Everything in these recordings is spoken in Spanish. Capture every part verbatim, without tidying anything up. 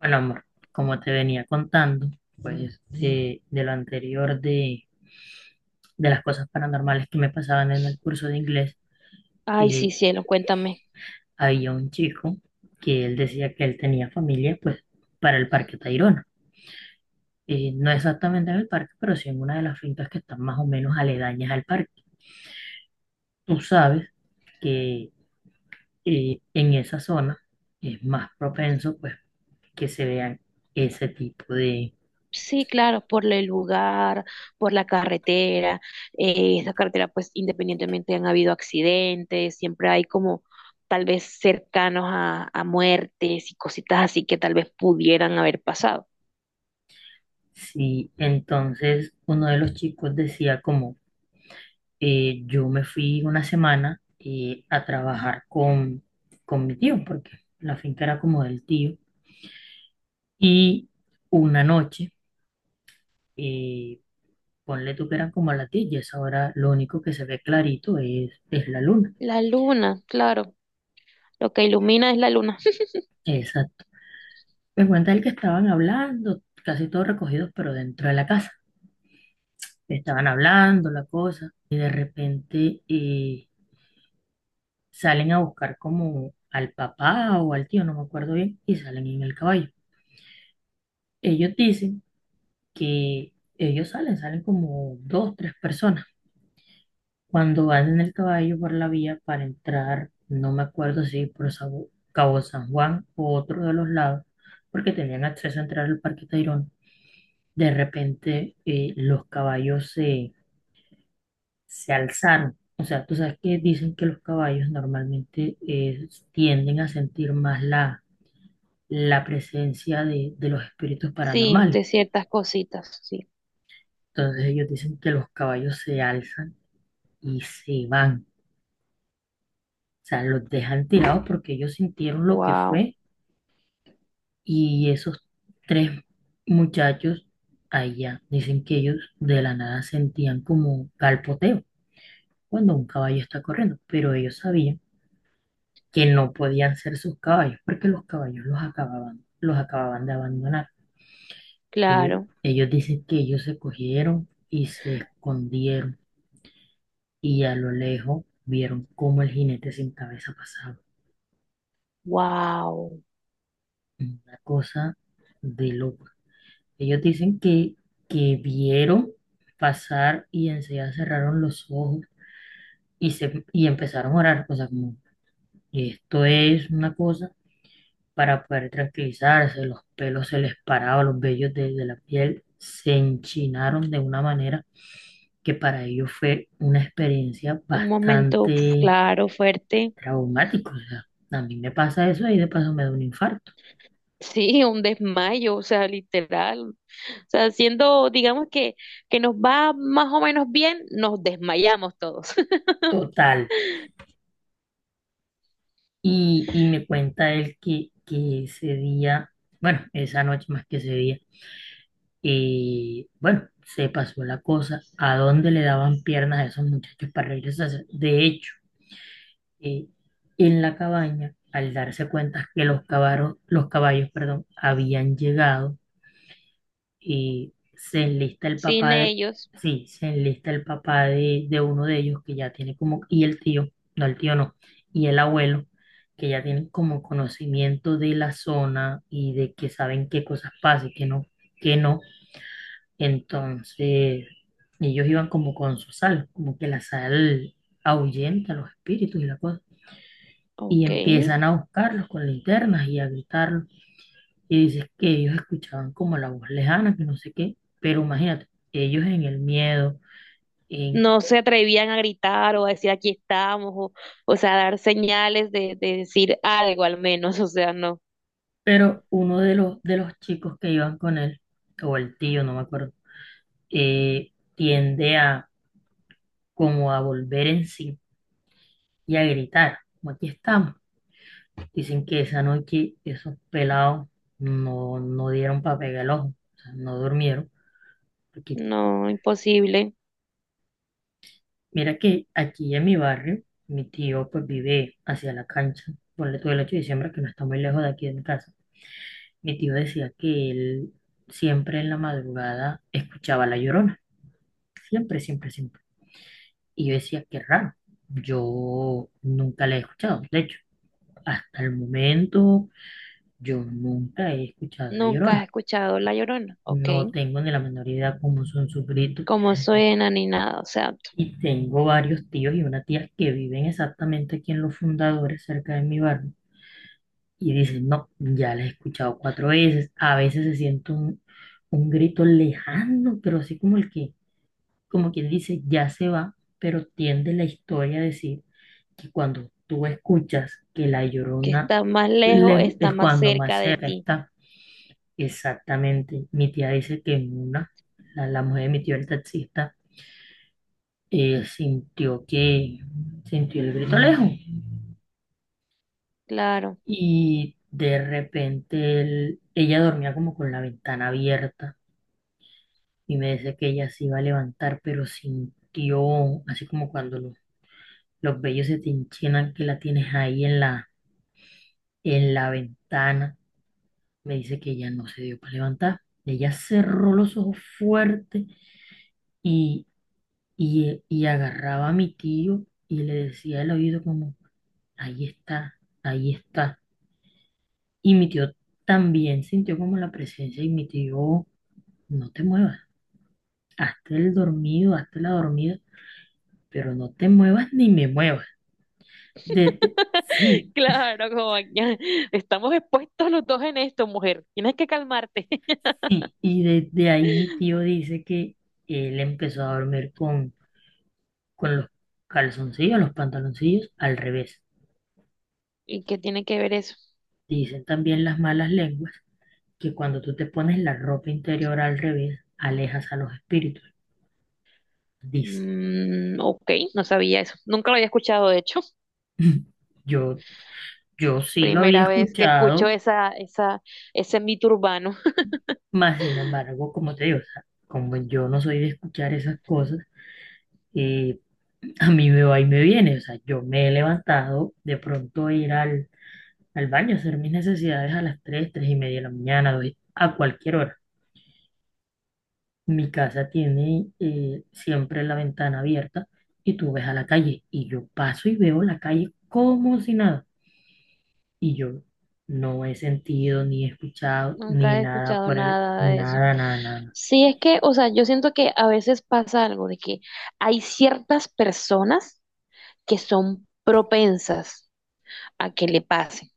Bueno, amor, como te venía contando, pues de, de lo anterior de, de las cosas paranormales que me pasaban en el curso de inglés, Ay, sí, eh, cielo, cuéntame. había un chico que él decía que él tenía familia, pues, para el Parque Tayrona. Eh, no exactamente en el parque, pero sí en una de las fincas que están más o menos aledañas al parque. Tú sabes que eh, en esa zona es más propenso, pues, que se vean ese tipo de... Sí, claro, por el lugar, por la carretera. Eh, esa carretera, pues independientemente han habido accidentes, siempre hay como tal vez cercanos a a muertes y cositas así que tal vez pudieran haber pasado. Sí, entonces uno de los chicos decía como eh, yo me fui una semana eh, a trabajar con, con mi tío, porque la finca era como del tío. Y una noche, eh, ponle tú que eran como a las diez y a esa hora lo único que se ve clarito es, es la luna. La luna, claro, lo que ilumina es la luna. Exacto. Me cuenta él que estaban hablando, casi todos recogidos, pero dentro de la casa. Estaban hablando la cosa, y de repente eh, salen a buscar como al papá o al tío, no me acuerdo bien, y salen en el caballo. Ellos dicen que ellos salen, salen como dos, tres personas. Cuando van en el caballo por la vía para entrar, no me acuerdo si por Sabu- Cabo San Juan o otro de los lados, porque tenían acceso a entrar al Parque Tayrona, de repente eh, los caballos se, se alzaron. O sea, tú sabes que dicen que los caballos normalmente eh, tienden a sentir más la, la presencia de, de los espíritus Sí, paranormales. de ciertas cositas, sí. Entonces ellos dicen que los caballos se alzan y se van. O sea, los dejan tirados porque ellos sintieron lo que Wow, fue y esos tres muchachos allá dicen que ellos de la nada sentían como galpoteo cuando un caballo está corriendo, pero ellos sabían que no podían ser sus caballos porque los caballos los acababan, los acababan de abandonar. Ellos, claro, ellos dicen que ellos se cogieron y se escondieron y a lo lejos vieron cómo el jinete sin cabeza pasaba. wow. Una cosa de loco. Ellos dicen que, que vieron pasar y enseguida cerraron los ojos y, se, y empezaron a orar, cosas como, esto es una cosa para poder tranquilizarse, los pelos se les paraban, los vellos de, de la piel se enchinaron de una manera que para ellos fue una experiencia Un momento, uf, bastante claro, fuerte. traumática. O sea, a mí me pasa eso y de paso me da un infarto. Sí, un desmayo, o sea, literal. O sea, siendo, digamos que, que nos va más o menos bien, nos desmayamos todos. Total. Y, y me cuenta él que, que ese día, bueno, esa noche más que ese día, eh, bueno, se pasó la cosa, a dónde le daban piernas a esos muchachos para regresarse. De hecho, eh, en la cabaña, al darse cuenta que los caballos, los caballos, perdón, habían llegado, y se enlista el Sin papá de, ellos, sí, se enlista el papá de, de uno de ellos que ya tiene como, y el tío, no el tío no, y el abuelo, que ya tienen como conocimiento de la zona y de que saben qué cosas pasan, y qué no, qué no. Entonces, ellos iban como con su sal, como que la sal ahuyenta los espíritus y la cosa. Y ok. empiezan a buscarlos con linternas y a gritarlos y dices que ellos escuchaban como la voz lejana, que no sé qué, pero imagínate, ellos en el miedo, en... No se atrevían a gritar o a decir aquí estamos, o, o sea, a dar señales de, de decir algo al menos, o sea, no, Pero uno de los, de los chicos que iban con él, o el tío, no me acuerdo, eh, tiende a como a volver en sí y a gritar, como aquí estamos. Dicen que esa noche esos pelados no, no dieron para pegar el ojo, o sea, no durmieron, porque no, imposible. mira que aquí en mi barrio, mi tío pues vive hacia la cancha, ponle todo el ocho de diciembre que no está muy lejos de aquí de mi casa. Mi tío decía que él siempre en la madrugada escuchaba La Llorona, siempre, siempre, siempre. Y yo decía, qué raro, yo nunca la he escuchado. De hecho, hasta el momento yo nunca he escuchado La Nunca has Llorona. escuchado La Llorona, ok. No tengo ni la menor idea cómo son sus gritos. Cómo suena ni nada, o sea, Y tengo varios tíos y una tía que viven exactamente aquí en Los Fundadores, cerca de mi barrio y dices, no, ya la he escuchado cuatro veces. A veces se siente un, un grito lejano, pero así como el que, como quien dice, ya se va, pero tiende la historia a decir que cuando tú escuchas que la que llorona está más lejos, lejos está es más cuando más cerca de cerca ti, está. Exactamente. Mi tía dice que en una, la, la mujer de mi tío, el taxista, eh, sintió que sintió el grito lejos. claro. Y de repente él- ella dormía como con la ventana abierta y me decía que ella se iba a levantar, pero sintió, así como cuando los, los vellos se te enchinan que la tienes ahí en la, en la ventana. Me dice que ella no se dio para levantar. Ella cerró los ojos fuerte y, y, y agarraba a mi tío y le decía al oído como, ahí está, ahí está. Y mi tío también sintió como la presencia y mi tío... No te muevas, hasta el dormido, hasta la dormida, pero no te muevas ni me muevas. Desde, sí, Claro, como ya estamos expuestos los dos en esto, mujer. Tienes que calmarte. sí. Y desde ahí mi tío dice que él empezó a dormir con, con los calzoncillos, los pantaloncillos al revés. ¿Y qué tiene que ver eso? Dicen también las malas lenguas que cuando tú te pones la ropa interior al revés, alejas a los espíritus. Dice, Mm, ok, no sabía eso. Nunca lo había escuchado, de hecho. yo, yo sí lo había Primera vez que escucho escuchado, esa, esa, ese mito urbano. mas sin embargo, como te digo, o sea, como yo no soy de escuchar esas cosas, eh, a mí me va y me viene, o sea, yo me he levantado de pronto a ir al, al baño a hacer mis necesidades a las tres tres y media de la mañana, doy- a cualquier hora. Mi casa tiene eh, siempre la ventana abierta y tú ves a la calle y yo paso y veo la calle como si nada. Y yo no he sentido ni he escuchado ni Nunca he nada escuchado por el... nada de eso. Nada, nada, nada, nada. Sí, es que, o sea, yo siento que a veces pasa algo de que hay ciertas personas que son propensas. a que le pase.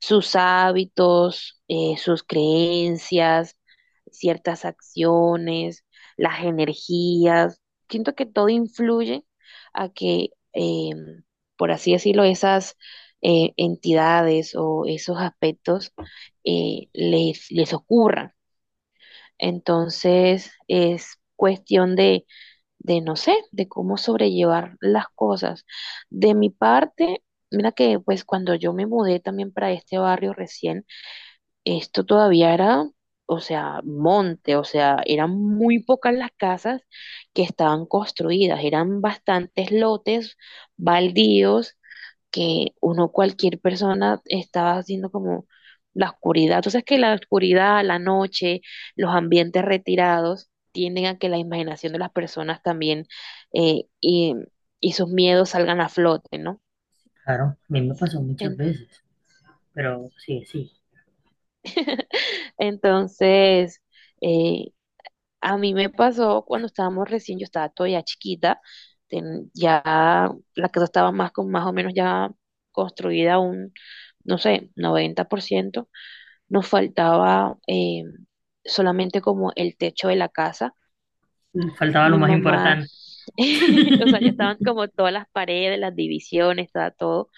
Sus hábitos, eh, sus creencias, ciertas acciones, las energías. Siento que todo influye a que, eh, por así decirlo, esas eh, entidades o esos aspectos eh, les, les ocurran. Entonces, es cuestión de de, no sé, de cómo sobrellevar las cosas. De mi parte, mira que pues cuando yo me mudé también para este barrio recién, esto todavía era, o sea, monte, o sea, eran muy pocas las casas que estaban construidas, eran bastantes lotes baldíos que uno, cualquier persona, estaba haciendo como la oscuridad. Entonces, que la oscuridad, la noche, los ambientes retirados tienden a que la imaginación de las personas también eh, y, y sus miedos salgan a flote, ¿no? Claro, a mí me pasó muchas En- veces, pero sí, sí. Entonces, eh, a mí me pasó cuando estábamos recién, yo estaba todavía chiquita, ten- ya la casa estaba más, con, más o menos ya construida un, no sé, noventa por ciento. Nos faltaba eh, solamente como el techo de la casa. Faltaba lo Mi más mamá, importante. o sea, ya estaban como todas las paredes, las divisiones, estaba todo.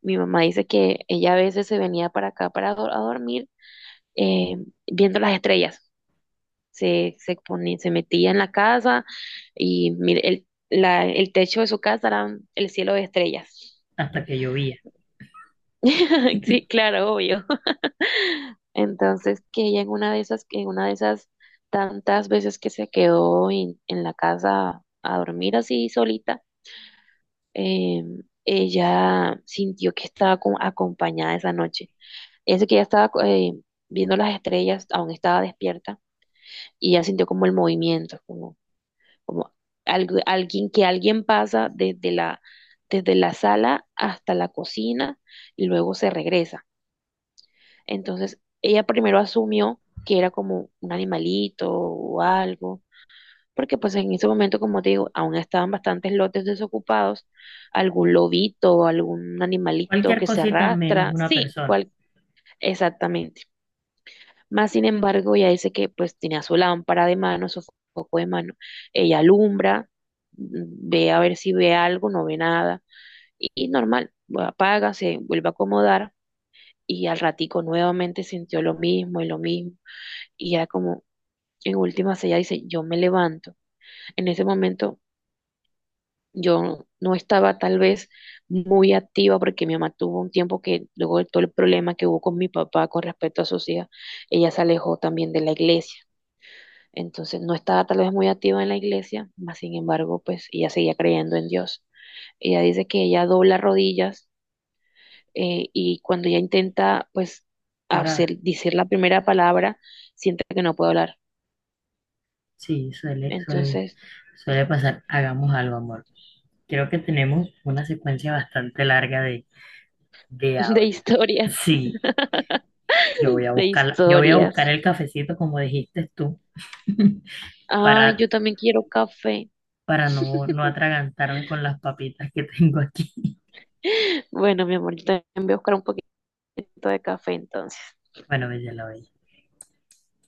Mi mamá dice que ella a veces se venía para acá para do- a dormir eh, viendo las estrellas. Se, se ponía, se metía en la casa y mire, el, la, el techo de su casa era el cielo de estrellas. Hasta que llovía. Sí, claro, obvio. Entonces, que ella en una de esas, en una de esas tantas veces que se quedó en, en la casa a dormir así solita, eh, ella sintió que estaba co- acompañada esa noche. Eso que ella estaba eh, viendo las estrellas, aún estaba despierta, y ella sintió como el movimiento, como, como, algo, alguien, que alguien pasa desde la, desde la sala hasta la cocina y luego se regresa. Entonces, ella primero asumió que era como un animalito o algo, porque pues en ese momento, como te digo, aún estaban bastantes lotes desocupados, algún lobito, algún animalito Cualquier que se cosita menos arrastra, una sí, persona. cual, exactamente. Más sin embargo, ella dice que pues tenía su lámpara de mano, su foco de mano, ella alumbra, ve a ver si ve algo, no ve nada, y, y normal, apaga, se vuelve a acomodar. Y al ratico nuevamente sintió lo mismo y lo mismo y ya como en últimas ella dice, yo me levanto. En ese momento yo no estaba tal vez muy activa porque mi mamá tuvo un tiempo que luego de todo el problema que hubo con mi papá con respecto a sus hijas, ella se alejó también de la iglesia. Entonces no estaba tal vez muy activa en la iglesia, mas sin embargo, pues ella seguía creyendo en Dios. Ella dice que ella dobla rodillas eh, y cuando ella intenta pues Orar. hacer, decir la primera palabra, siente que no puede hablar. Sí, suele, suele, Entonces suele pasar. Hagamos algo, amor. Creo que tenemos una secuencia bastante larga de, de de audio. historias, Sí, yo voy a de buscar, yo voy a buscar historias. el cafecito, como dijiste tú, Ah, para, yo también quiero café. para no, no atragantarme con las papitas que tengo aquí. Bueno, mi amor, yo también voy a buscar un poquito de café entonces. Bueno, bella la bella.